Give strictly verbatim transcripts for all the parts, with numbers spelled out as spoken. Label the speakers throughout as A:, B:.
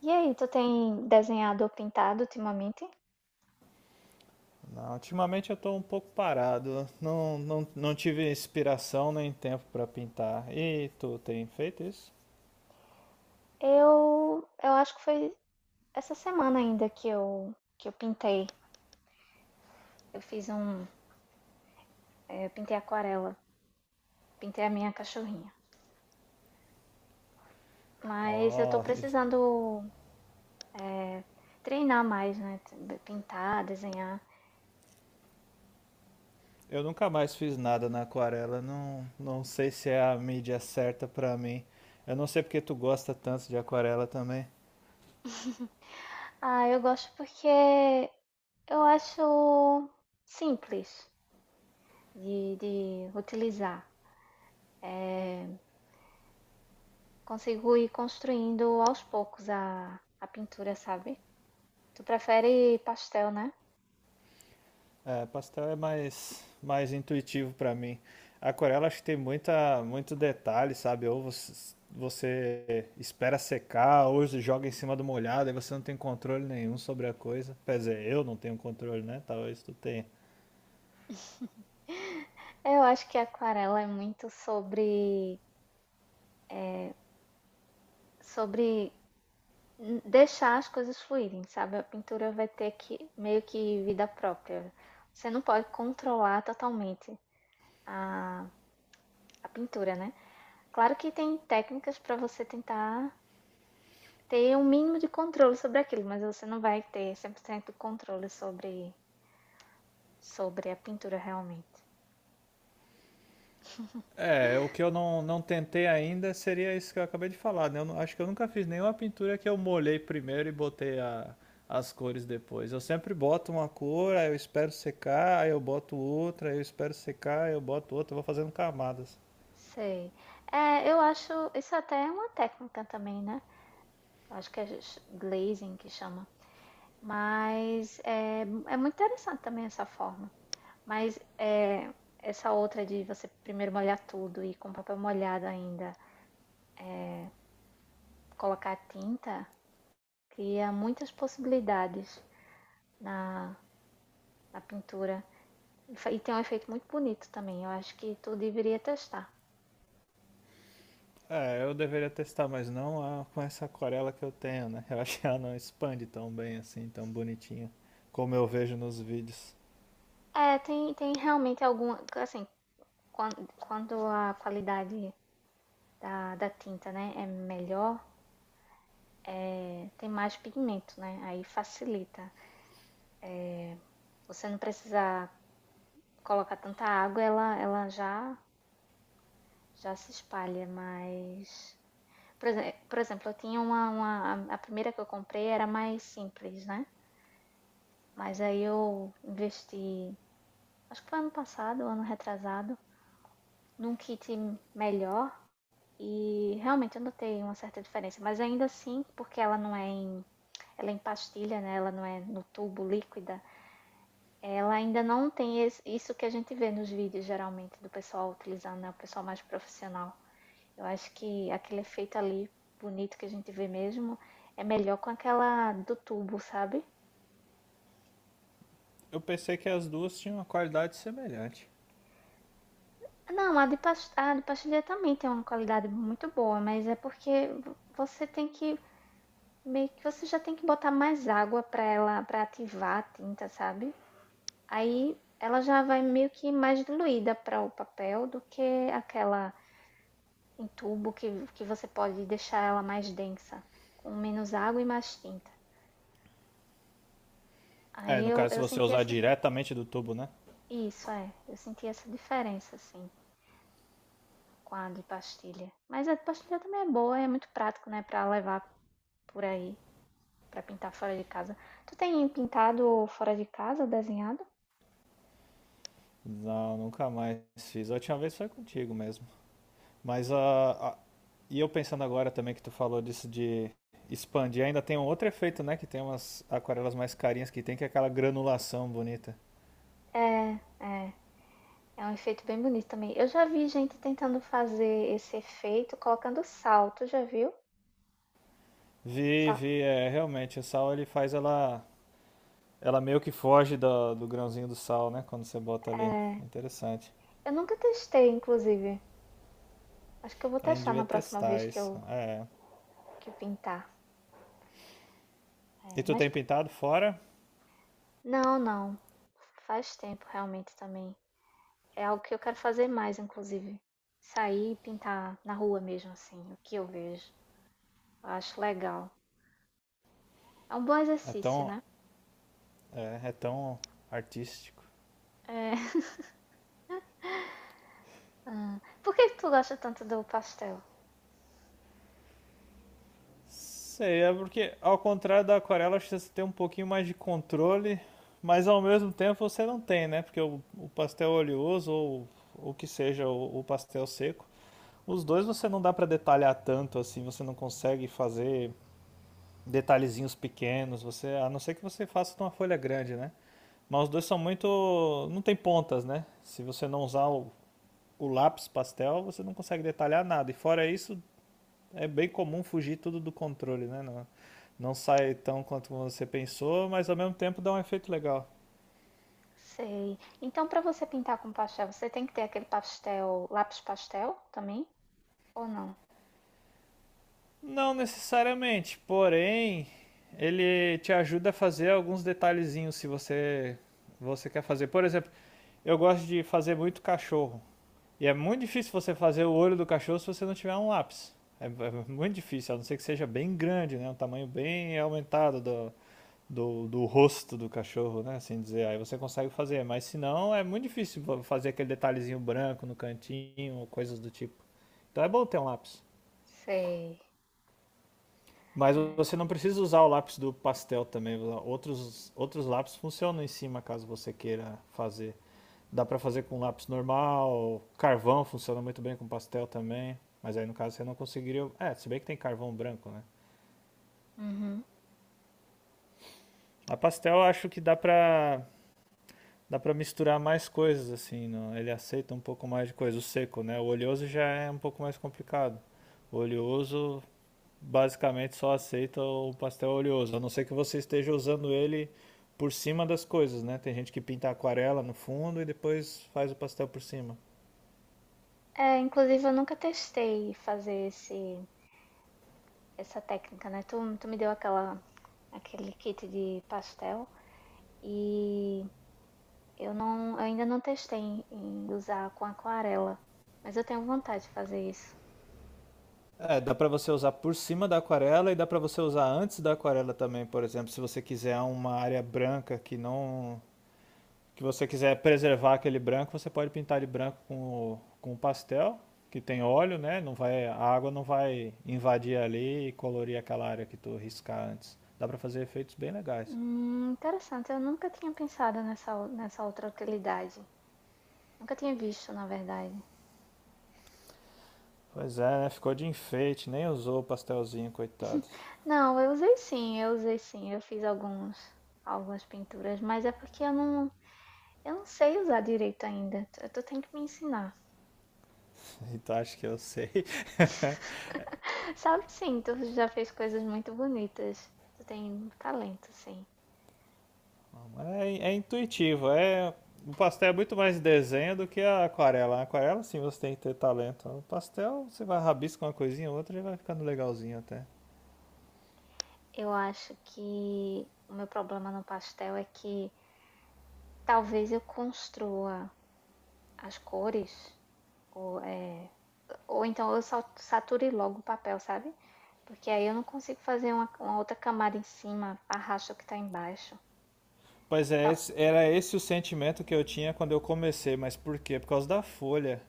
A: E aí, tu tem desenhado ou pintado ultimamente?
B: Não, ultimamente eu tô um pouco parado. Não, não, não tive inspiração nem tempo para pintar. E tu tem feito isso?
A: Eu, eu acho que foi essa semana ainda que eu, que eu pintei. Eu fiz um, eh, Eu pintei aquarela, pintei a minha cachorrinha. Mas eu tô
B: Ó, e-
A: precisando treinar mais, né? t- Pintar, desenhar.
B: eu nunca mais fiz nada na aquarela. Não, não sei se é a mídia certa para mim. Eu não sei porque tu gosta tanto de aquarela também.
A: Ah, eu gosto porque eu acho simples de, de utilizar. Eh, consigo ir construindo aos poucos a, a pintura, sabe? Tu prefere pastel, né?
B: É, pastel é mais, mais intuitivo para mim. Aquarela acho que tem muita, muito detalhe, sabe? Ou você, você espera secar, ou você joga em cima do molhado, aí você não tem controle nenhum sobre a coisa. Quer dizer, eu não tenho controle, né? Talvez tu tenha.
A: Eu acho que a aquarela é muito sobre, eh, sobre n- deixar as coisas fluírem, sabe? A pintura vai ter que meio que vida própria. Você não pode controlar totalmente a, a pintura, né? Claro que tem técnicas para você tentar ter um mínimo de controle sobre aquilo, mas você não vai ter cem por cento controle sobre, sobre a pintura realmente.
B: É, o que eu não, não tentei ainda seria isso que eu acabei de falar, né? Eu não- acho que eu nunca fiz nenhuma pintura que eu molhei primeiro e botei a- as cores depois. Eu sempre boto uma cor, aí eu espero secar, aí eu boto outra, aí eu espero secar, aí eu boto outra, eu vou fazendo camadas.
A: Sei. É, eu acho isso até é uma técnica também, né? Acho que é glazing que chama. Mas é, é muito interessante também essa forma. Mas é, essa outra de você primeiro molhar tudo e com papel molhado ainda é, colocar tinta cria muitas possibilidades na, na pintura. E tem um efeito muito bonito também. Eu acho que tu deveria testar.
B: É, eu deveria testar, mas não a- com essa aquarela que eu tenho, né? Eu acho que ela não expande tão bem assim, tão bonitinha, como eu vejo nos vídeos.
A: É, tem, tem realmente alguma. Assim, quando, quando a qualidade da, da tinta, né, é melhor, tem mais pigmento, né? Aí facilita. Você não precisa colocar tanta água, ela, ela já, já se espalha, mas. Por, exe- por exemplo, eu tinha uma, uma. A primeira que eu comprei era mais simples, né? Mas aí eu investi, acho que foi ano passado, ano retrasado, num kit melhor. E realmente eu notei uma certa diferença, mas ainda assim, porque ela não é em, ela é em pastilha, né? Ela não é no tubo líquida, ela ainda não tem es- isso que a gente vê nos vídeos, geralmente, do pessoal utilizando, né? O pessoal mais profissional. Eu acho que aquele efeito ali, bonito, que a gente vê mesmo, é melhor com aquela do tubo, sabe?
B: Eu pensei que as duas tinham uma qualidade semelhante.
A: Não, a de, pas- a de pastilha também tem uma qualidade muito boa, mas é porque vo- você tem que, meio que você já tem que botar mais água pra ela, para ativar a tinta, sabe? Aí ela já vai meio que mais diluída para o papel do que aquela em tubo que, que você pode deixar ela mais densa, com menos água e mais tinta. Aí
B: É, no
A: eu,
B: caso, se
A: eu
B: você
A: senti
B: usar
A: essa.
B: diretamente do tubo, né?
A: Isso, é. Eu senti essa diferença, assim, com a de pastilha. Mas a de pastilha também é boa, é muito prático, né, pra levar por aí, pra pintar fora de casa. Tu tem pintado fora de casa, desenhado?
B: Não, nunca mais fiz. A última vez foi contigo mesmo. Mas a, a- e eu pensando agora também que tu falou disso de expandir, ainda tem um outro efeito, né? Que tem umas aquarelas mais carinhas que tem, que é aquela granulação bonita.
A: É, é. É um efeito bem bonito também. Eu já vi gente tentando fazer esse efeito colocando sal. Tu já viu?
B: Vi,
A: Sal.
B: vi, é, realmente, o sal ele faz ela, ela meio que foge do, do grãozinho do sal, né? Quando você bota ali. Interessante.
A: Eu nunca testei, inclusive. Acho que eu vou
B: A gente
A: testar
B: devia
A: na próxima vez
B: testar
A: que
B: isso.
A: eu
B: É.
A: que pintar.
B: E
A: É,
B: tu
A: mas
B: tem pintado fora?
A: não, não. Faz tempo realmente também. É algo que eu quero fazer mais, inclusive. Sair e pintar na rua mesmo, assim, o que eu vejo. Eu acho legal. É um bom
B: É
A: exercício,
B: tão,
A: né?
B: é, é tão artístico.
A: É. Ah, por que que tu gosta tanto do pastel?
B: Sei, é porque ao contrário da aquarela, acho que você tem um pouquinho mais de controle, mas ao mesmo tempo você não tem, né? Porque o, o pastel oleoso ou o que seja, o, o pastel seco, os dois você não dá para detalhar tanto assim, você não consegue fazer detalhezinhos pequenos, você, a não ser que você faça de uma folha grande, né? Mas os dois são muito, não tem pontas, né? Se você não usar o, o lápis pastel, você não consegue detalhar nada. E fora isso, é bem comum fugir tudo do controle, né? Não, não sai tão quanto você pensou, mas ao mesmo tempo dá um efeito legal.
A: Sei. Então, para você pintar com pastel, você tem que ter aquele pastel, lápis pastel também? Ou não?
B: Não necessariamente, porém, ele te ajuda a fazer alguns detalhezinhos se você você quer fazer. Por exemplo, eu gosto de fazer muito cachorro. E é muito difícil você fazer o olho do cachorro se você não tiver um lápis. É, é muito difícil, a não ser que seja bem grande, né? Um tamanho bem aumentado do, do, do rosto do cachorro, né? Assim dizer, aí você consegue fazer, mas se não é muito difícil fazer aquele detalhezinho branco no cantinho, coisas do tipo. Então é bom ter um lápis.
A: Sei.
B: Mas
A: É.
B: você não precisa usar o lápis do pastel também. Outros, outros lápis funcionam em cima caso você queira fazer. Dá para fazer com lápis normal, carvão funciona muito bem com pastel também. Mas aí no caso você não conseguiria. É, se bem que tem carvão branco, né?
A: Uhum.
B: A pastel eu acho que dá pra dá para misturar mais coisas assim, não? Ele aceita um pouco mais de coisa, o seco, né? O oleoso já é um pouco mais complicado. O oleoso basicamente só aceita o pastel oleoso, a não ser que você esteja usando ele por cima das coisas, né? Tem gente que pinta aquarela no fundo e depois faz o pastel por cima.
A: É, inclusive, eu nunca testei fazer esse, essa técnica, né? Tu, tu me deu aquela aquele kit de pastel e eu não, eu ainda não testei em usar com aquarela, mas eu tenho vontade de fazer isso.
B: É, dá para você usar por cima da aquarela e dá para você usar antes da aquarela também, por exemplo, se você quiser uma área branca que não que você quiser preservar aquele branco, você pode pintar ele branco com, com pastel, que tem óleo, né? Não vai, a água não vai invadir ali e colorir aquela área que tu riscar antes. Dá pra fazer efeitos bem legais.
A: Hum, interessante, eu nunca tinha pensado nessa, nessa outra utilidade. Nunca tinha visto, na verdade.
B: Pois é, né? Ficou de enfeite, nem usou o pastelzinho, coitado.
A: Não, eu usei sim, eu usei sim, eu fiz alguns, algumas pinturas, mas é porque eu não, eu não sei usar direito ainda. Tu, tu tem que me ensinar.
B: Então acho que eu sei.
A: Sabe sim, tu já fez coisas muito bonitas. Tu tem talento, sim.
B: É, é intuitivo, é... O pastel é muito mais desenho do que a aquarela. A aquarela, sim, você tem que ter talento. O pastel, você vai rabiscar uma coisinha ou outra e vai ficando legalzinho até.
A: Eu acho que o meu problema no pastel é que talvez eu construa as cores, ou, é, ou então eu sa- sature logo o papel, sabe? Porque aí eu não consigo fazer uma, uma outra camada em cima, arrasto o que tá embaixo.
B: Pois é,
A: Tal.
B: esse- era esse o sentimento que eu tinha quando eu comecei, mas por quê? Por causa da folha.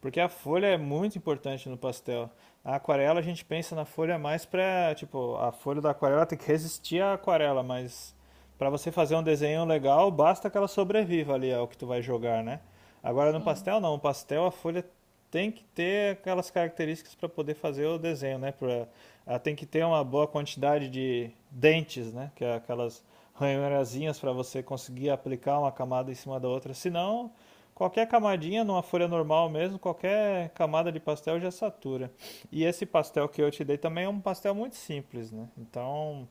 B: Porque a folha é muito importante no pastel. Na aquarela a gente pensa na folha mais pra, tipo, a folha da aquarela tem que resistir à aquarela, mas pra você fazer um desenho legal, basta que ela sobreviva ali ao que tu vai jogar, né? Agora no
A: Sim,
B: pastel não, no pastel a folha tem que ter aquelas características para poder fazer o desenho, né? Pra, ela tem que ter uma boa quantidade de dentes, né? Que é aquelas ranhurazinhas para você conseguir aplicar uma camada em cima da outra. Se não, qualquer camadinha numa folha normal mesmo, qualquer camada de pastel já satura. E esse pastel que eu te dei também é um pastel muito simples, né? Então,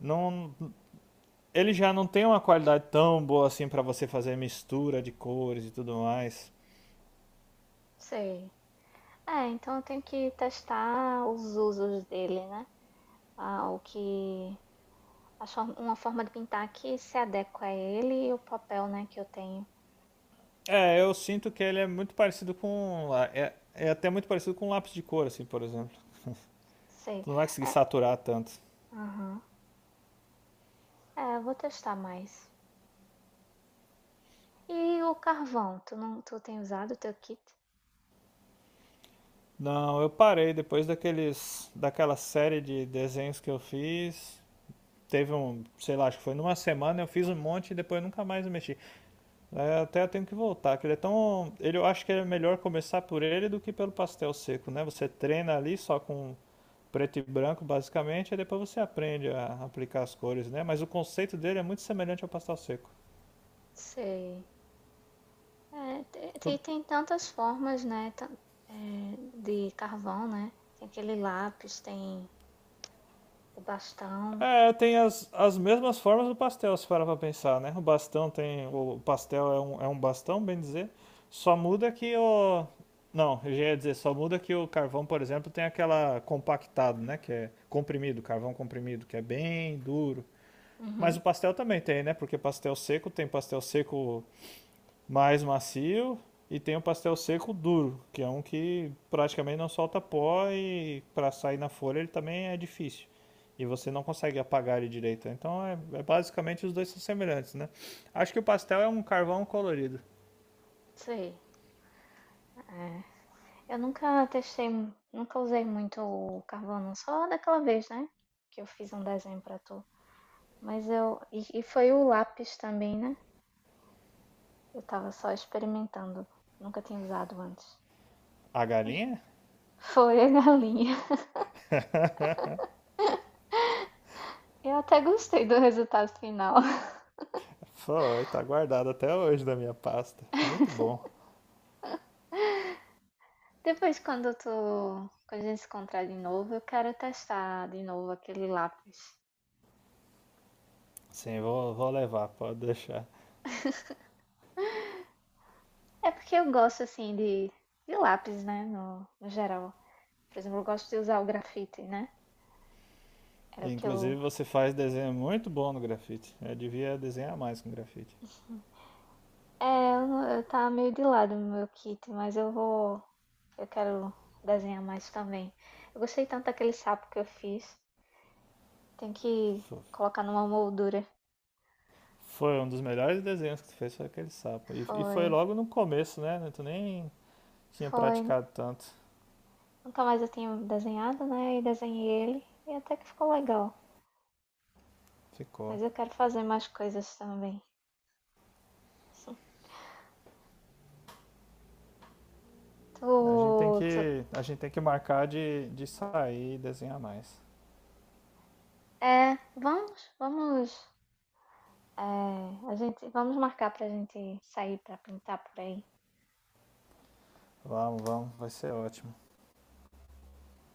B: não, ele já não tem uma qualidade tão boa assim para você fazer mistura de cores e tudo mais.
A: sei. É, então eu tenho que testar os usos dele, né? Ah, o que. A for- Uma forma de pintar que se adequa a ele e o papel, né, que eu tenho.
B: É, eu sinto que ele é muito parecido com é, é até muito parecido com um lápis de cor assim, por exemplo.
A: Sei.
B: Tu não vai conseguir
A: É,
B: saturar tanto.
A: aham. É, vou testar mais. E o carvão? Tu não, Tu tem usado o teu kit?
B: Não, eu parei depois daqueles, daquela série de desenhos que eu fiz. Teve um, sei lá, acho que foi numa semana, eu fiz um monte e depois nunca mais mexi. É, até eu tenho que voltar, que ele é tão, ele, eu acho que é melhor começar por ele do que pelo pastel seco, né? Você treina ali só com preto e branco, basicamente, e depois você aprende a aplicar as cores, né? Mas o conceito dele é muito semelhante ao pastel seco.
A: Sei. É, te- tem,
B: Tu-
A: tem tantas formas, né? Tan- é, de carvão, né? Tem aquele lápis, tem o bastão.
B: É, tem as, as mesmas formas do pastel, se parar pra pensar, né? O bastão tem. O pastel é um, é um bastão, bem dizer. Só muda que o. Não, eu já ia dizer, só muda que o carvão, por exemplo, tem aquela compactado, né? Que é comprimido, carvão comprimido, que é bem duro. Mas
A: Uhum,
B: o pastel também tem, né? Porque pastel seco tem pastel seco mais macio e tem o pastel seco duro, que é um que praticamente não solta pó e para sair na folha ele também é difícil. E você não consegue apagar ele direito. Então é, é basicamente os dois são semelhantes, né? Acho que o pastel é um carvão colorido.
A: sei. É. Eu nunca testei, mu- nunca usei muito o carvão, não. Só daquela vez, né? Que eu fiz um desenho pra tu. Mas eu. E, e foi o lápis também, né? Eu tava só experimentando. Nunca tinha usado antes.
B: A galinha?
A: Foi a galinha. Eu até gostei do resultado final.
B: Foi, tá guardada até hoje da minha pasta. Muito bom.
A: Depois, quando tu, quando a gente se encontrar de novo, eu quero testar de novo aquele lápis.
B: Sim, vou, vou levar, pode deixar.
A: É porque eu gosto assim de, de lápis, né? No, no geral. Por exemplo, eu gosto de usar o grafite, né? Era o que eu.
B: Inclusive você faz desenho muito bom no grafite. Eu devia desenhar mais com grafite.
A: É, eu, não- eu tava meio de lado no meu kit, mas eu vou. Eu quero desenhar mais também. Eu gostei tanto daquele sapo que eu fiz. Tem que colocar numa moldura.
B: Foi um dos melhores desenhos que tu fez, foi aquele sapo. E, e foi
A: Foi.
B: logo no começo, né? Tu nem tinha
A: Foi.
B: praticado tanto.
A: Nunca mais eu tinha desenhado, né? E desenhei ele e até que ficou legal.
B: Ficou.
A: Mas eu quero fazer mais coisas também. Tu,
B: A gente tem
A: tu-
B: que, a gente tem que marcar de, de sair e desenhar mais.
A: é, Vamos, vamos, é, a gente, vamos marcar pra gente sair pra pintar por aí.
B: Vamos, vamos, vai ser ótimo.